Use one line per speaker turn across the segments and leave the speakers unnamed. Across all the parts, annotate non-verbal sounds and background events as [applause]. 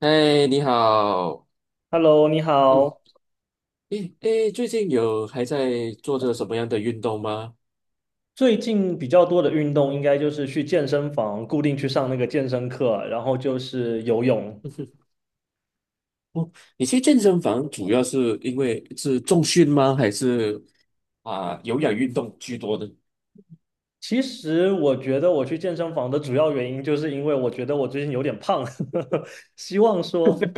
嗨，你好。
Hello，你
嗯，
好。
诶诶，最近有还在做着什么样的运动吗？
最近比较多的运动应该就是去健身房固定去上那个健身课，然后就是游泳。
[laughs] 你去健身房主要是因为是重训吗？还是啊、有氧运动居多呢？
其实我觉得我去健身房的主要原因，就是因为我觉得我最近有点胖，[laughs] 希望说，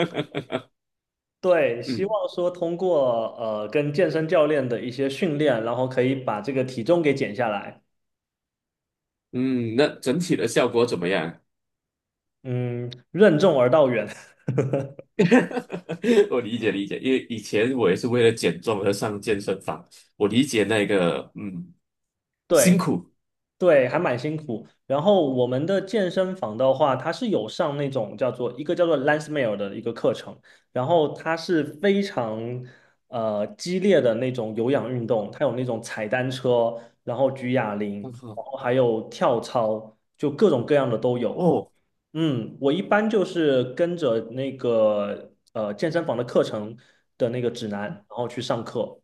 对，希
嗯
望说通过跟健身教练的一些训练，然后可以把这个体重给减下来。
嗯，那整体的效果怎么样？
嗯，任重而道远。
[laughs] 我理解理解，因为以前我也是为了减重而上健身房，我理解那个
[laughs] 对，
辛苦。
对，还蛮辛苦。然后我们的健身房的话，它是有上那种叫做 Lance Meal 的一个课程，然后它是非常激烈的那种有氧运动，它有那种踩单车，然后举哑铃，
很好。
然后还有跳操，就各种各样的都有。
哦
嗯，我一般就是跟着那个健身房的课程的那个指南，然后去上课。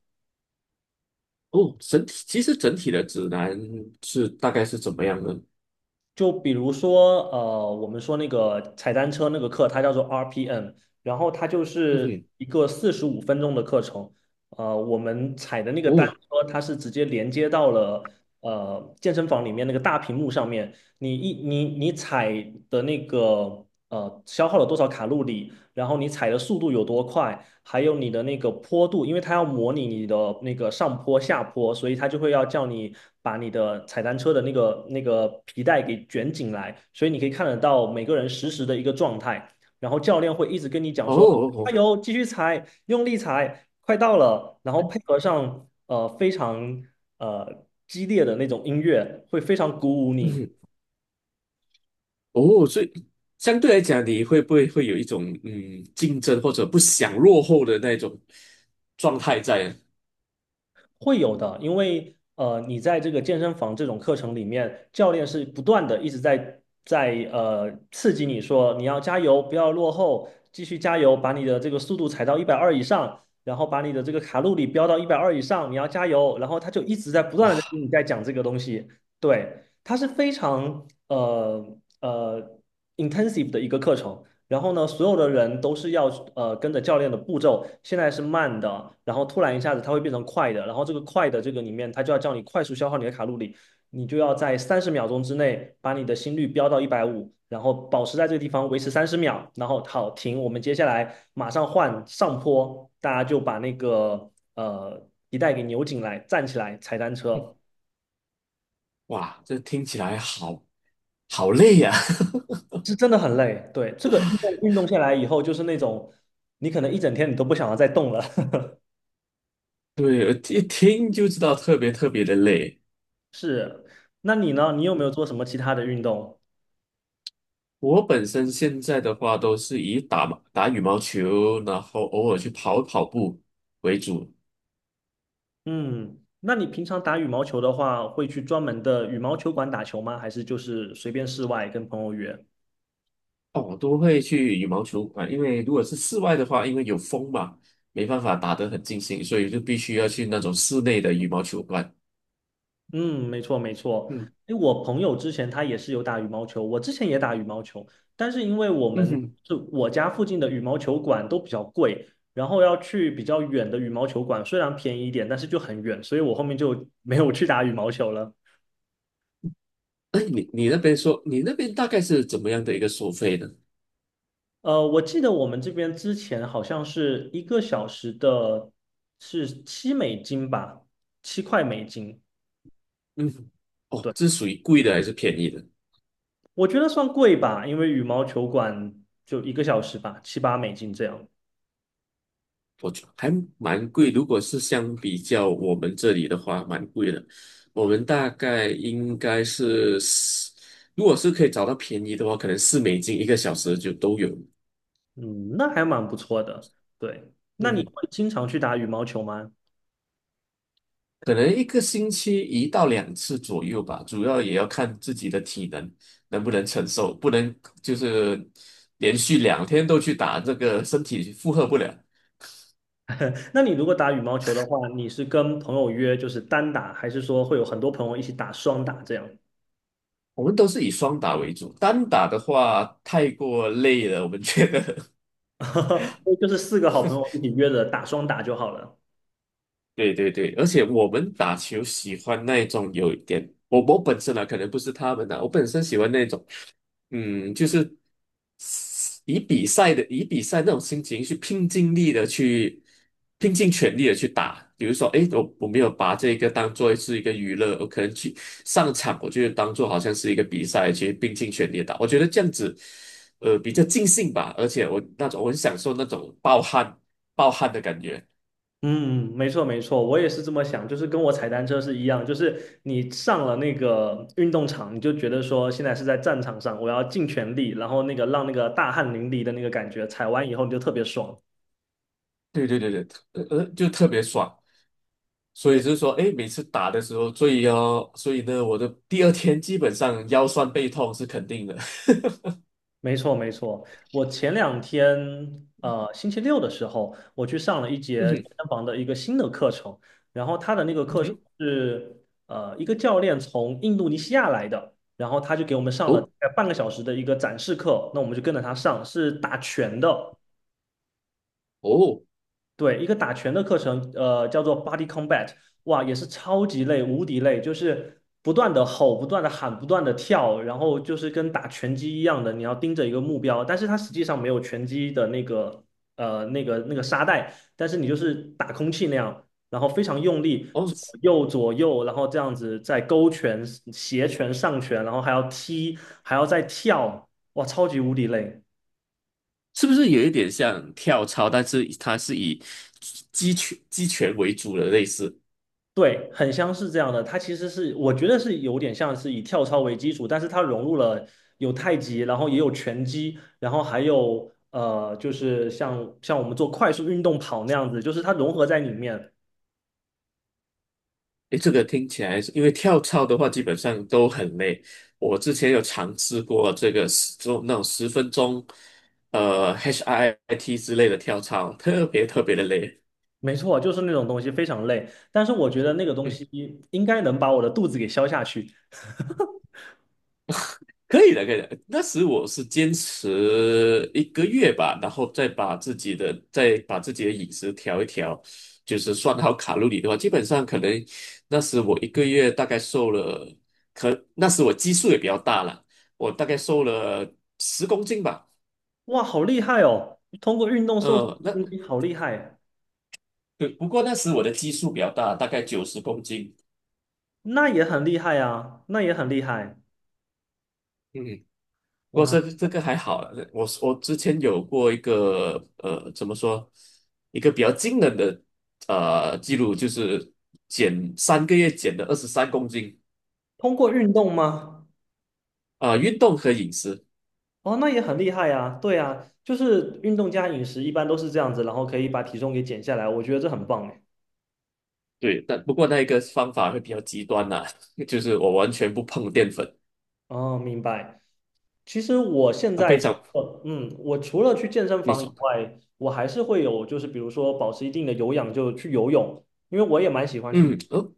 哦，整体其实整体的指南是大概是怎么样的？
就比如说，我们说那个踩单车那个课，它叫做 RPM，然后它就
嗯
是
哼，
一个45分钟的课程。我们踩的那个单
哦
车，它是直接连接到了健身房里面那个大屏幕上面。你一你你踩的那个消耗了多少卡路里，然后你踩的速度有多快，还有你的那个坡度，因为它要模拟你的那个上坡、下坡，所以它就会要叫你把你的踩单车的那个皮带给卷紧来，所以你可以看得到每个人实时的一个状态，然后教练会一直跟你讲
哦
说，
哦，
加
哦，
油，继续踩，用力踩，快到了，然后配合上非常激烈的那种音乐，会非常鼓舞你。
嗯，哦，所以相对来讲，你会不会有一种竞争或者不想落后的那种状态在？
会有的，因为你在这个健身房这种课程里面，教练是不断的一直在刺激你说你要加油，不要落后，继续加油，把你的这个速度踩到一百二以上，然后把你的这个卡路里飙到一百二以上，你要加油。然后他就一直在不断的
哇
跟你在讲这个东西，对，它是非常呃 intensive 的一个课程，然后呢，所有的人都是要跟着教练的步骤，现在是慢的，然后突然一下子它会变成快的，然后这个快的这个里面，它就要叫你快速消耗你的卡路里，你就要在30秒钟之内把你的心率飙到150，然后保持在这个地方维持三十秒，然后好停，我们接下来马上换上坡，大家就把那个呃皮带给扭紧来，站起来踩单车，
哇，这听起来好好累呀、
是真的很累。对，这个运动运动下来以后，就是那种你可能一整天你都不想要再动了。[laughs]
[laughs] 对，一听就知道特别特别的累。
是，那你呢？你有没有做什么其他的运动？
我本身现在的话都是以打打羽毛球，然后偶尔去跑跑步为主。
嗯，那你平常打羽毛球的话，会去专门的羽毛球馆打球吗？还是就是随便室外跟朋友约？
哦，我都会去羽毛球馆，因为如果是室外的话，因为有风嘛，没办法打得很尽兴，所以就必须要去那种室内的羽毛球馆。
嗯，没错没错。
嗯
因为我朋友之前他也是有打羽毛球，我之前也打羽毛球，但是因为我
嗯
们
哼，
就我家附近的羽毛球馆都比较贵，然后要去比较远的羽毛球馆，虽然便宜一点，但是就很远，所以我后面就没有去打羽毛球了。
哎，你那边说，你那边大概是怎么样的一个收费呢？
我记得我们这边之前好像是一个小时的，是7美金吧，7块美金。
嗯哼。哦，
对，
这是属于贵的还是便宜的？
我觉得算贵吧，因为羽毛球馆就一个小时吧，七八美金这样。
我觉得还蛮贵，如果是相比较我们这里的话，蛮贵的。我们大概应该是四，如果是可以找到便宜的话，可能四美金一个小时就都有。
嗯，那还蛮不错的。对，那
嗯
你
哼。
会经常去打羽毛球吗？
可能一个星期一到两次左右吧，主要也要看自己的体能能不能承受，不能就是连续两天都去打，这个身体负荷不了。
那你如果打羽毛球的话，你是跟朋友约就是单打，还是说会有很多朋友一起打双打这样？
我们都是以双打为主，单打的话太过累了，我们觉得。[laughs]
[laughs] 就是四个好朋友一起约着打双打就好了。
对对对，而且我们打球喜欢那种有一点，我本身啊，可能不是他们啊，我本身喜欢那种。嗯，就是以比赛那种心情去拼尽全力的去打。比如说，诶，我没有把这个当做是一个娱乐，我可能去上场，我就当做好像是一个比赛去拼尽全力地打。我觉得这样子，比较尽兴吧。而且我很享受那种暴汗暴汗的感觉。
嗯，没错没错，我也是这么想，就是跟我踩单车是一样，就是你上了那个运动场，你就觉得说现在是在战场上，我要尽全力，然后那个让那个大汗淋漓的那个感觉，踩完以后你就特别爽。
对对对对，就特别爽。所以
嗯。
就是说，哎，每次打的时候，所以呢，我的第二天基本上腰酸背痛是肯定的。[laughs]
没错，没错。我前两天，星期六的时候，我去上了一
嗯
节健
哼，
身房的一个新的课程，然后他的那个
嗯
课程
哼，
是，一个教练从印度尼西亚来的，然后他就给我们上了
哦
大概半个小时的一个展示课，那我们就跟着他上，是打拳的。
哦
对，一个打拳的课程，叫做 Body Combat，哇，也是超级累，无敌累，就是不断的吼，不断的喊，不断的跳，然后就是跟打拳击一样的，你要盯着一个目标，但是它实际上没有拳击的那个，那个沙袋，但是你就是打空气那样，然后非常用力，
哦，
左
是是
右左右，然后这样子在勾拳、斜拳、上拳，然后还要踢，还要再跳，哇，超级无敌累。
不是有一点像跳操，但是它是以击拳击拳为主的类似？
对，很像是这样的。它其实是，我觉得是有点像是以跳操为基础，但是它融入了有太极，然后也有拳击，然后还有就是像我们做快速运动跑那样子，就是它融合在里面。
哎，这个听起来是，因为跳操的话基本上都很累。我之前有尝试过这个那种十分钟，HIIT 之类的跳操，特别特别的累。
没错，就是那种东西非常累，但是我觉得那个东
嗯。
西应该能把我的肚子给消下去。
可以的，可以的。那时我是坚持一个月吧，然后再把自己的饮食调一调，就是算好卡路里的话，基本上可能那时我一个月大概瘦了，可那时我基数也比较大了，我大概瘦了十公斤吧。
哇，好厉害哦！通过运动瘦身
嗯，
的
那
东西好厉害，
对，不过那时我的基数比较大，大概90公斤。
那也很厉害啊，那也很厉害。
嗯，不过
哇，
这个还好啦，我之前有过一个怎么说，一个比较惊人的记录，就是减3个月减了23公斤。
通过运动吗？
啊、运动和饮食，
哦，那也很厉害呀，对呀，就是运动加饮食一般都是这样子，然后可以把体重给减下来，我觉得这很棒哎。
对，但不过那一个方法会比较极端啦、[laughs] 就是我完全不碰淀粉
哦，明白。其实我现
啊，
在
非
除
常
了嗯，我除了去健身
你
房以
是
外，我还是会有，就是比如说保持一定的有氧，就去游泳，因为我也蛮喜欢去。
嗯哦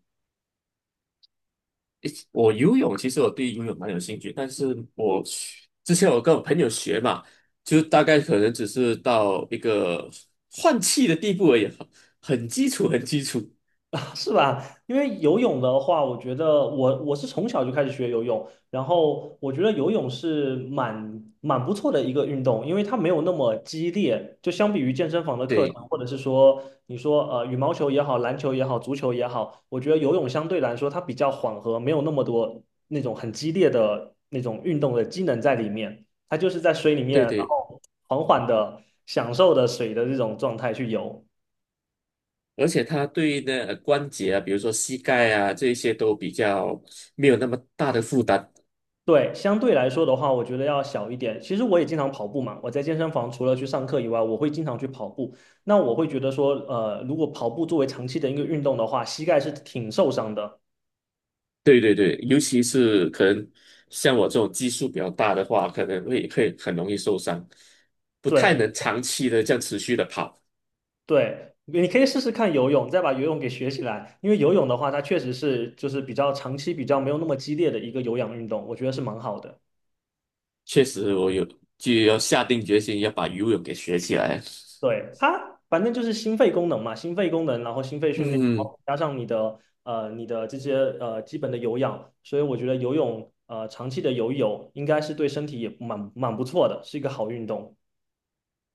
我游泳其实我对游泳蛮有兴趣，但是我学之前我跟我朋友学嘛，就大概可能只是到一个换气的地步而已，很基础，很基础。
吧 [laughs] 是吧？因为游泳的话，我觉得我是从小就开始学游泳，然后我觉得游泳是蛮不错的一个运动，因为它没有那么激烈，就相比于健身房的课
对
程，或者是说你说羽毛球也好，篮球也好，足球也好，我觉得游泳相对来说它比较缓和，没有那么多那种很激烈的那种运动的机能在里面，它就是在水里面，
对
然
对，
后缓缓的享受的水的这种状态去游。
而且它对那关节啊，比如说膝盖啊这一些都比较没有那么大的负担。
对，相对来说的话，我觉得要小一点。其实我也经常跑步嘛，我在健身房除了去上课以外，我会经常去跑步。那我会觉得说，如果跑步作为长期的一个运动的话，膝盖是挺受伤的。
对对对，尤其是可能像我这种基数比较大的话，可能会很容易受伤，不太
对
能长期的这样持续的跑。
对，你可以试试看游泳，再把游泳给学起来。因为游泳的话，它确实是就是比较长期、比较没有那么激烈的一个有氧运动，我觉得是蛮好的。
确实，我有就要下定决心要把游泳给学起来。
对，它反正就是心肺功能嘛，心肺功能，然后心肺训练，然
嗯，
后加上你的这些基本的有氧，所以我觉得长期的游泳应该是对身体也蛮不错的，是一个好运动。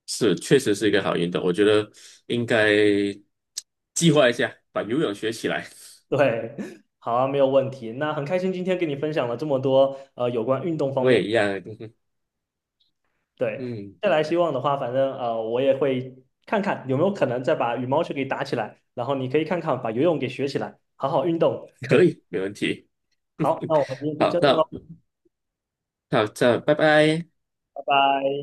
是，确实是一个好运动，我觉得应该计划一下，把游泳学起来。
对，[laughs] 好啊，没有问题。那很开心今天跟你分享了这么多有关运动方
我
面。
也一样，[laughs]
对，
嗯，
再来希望的话，反正我也会看看有没有可能再把羽毛球给打起来，然后你可以看看把游泳给学起来，好好运动。
可以，没问题。
好，那我们今天
好，
就这样
那
喽，
好，这拜拜。
拜拜。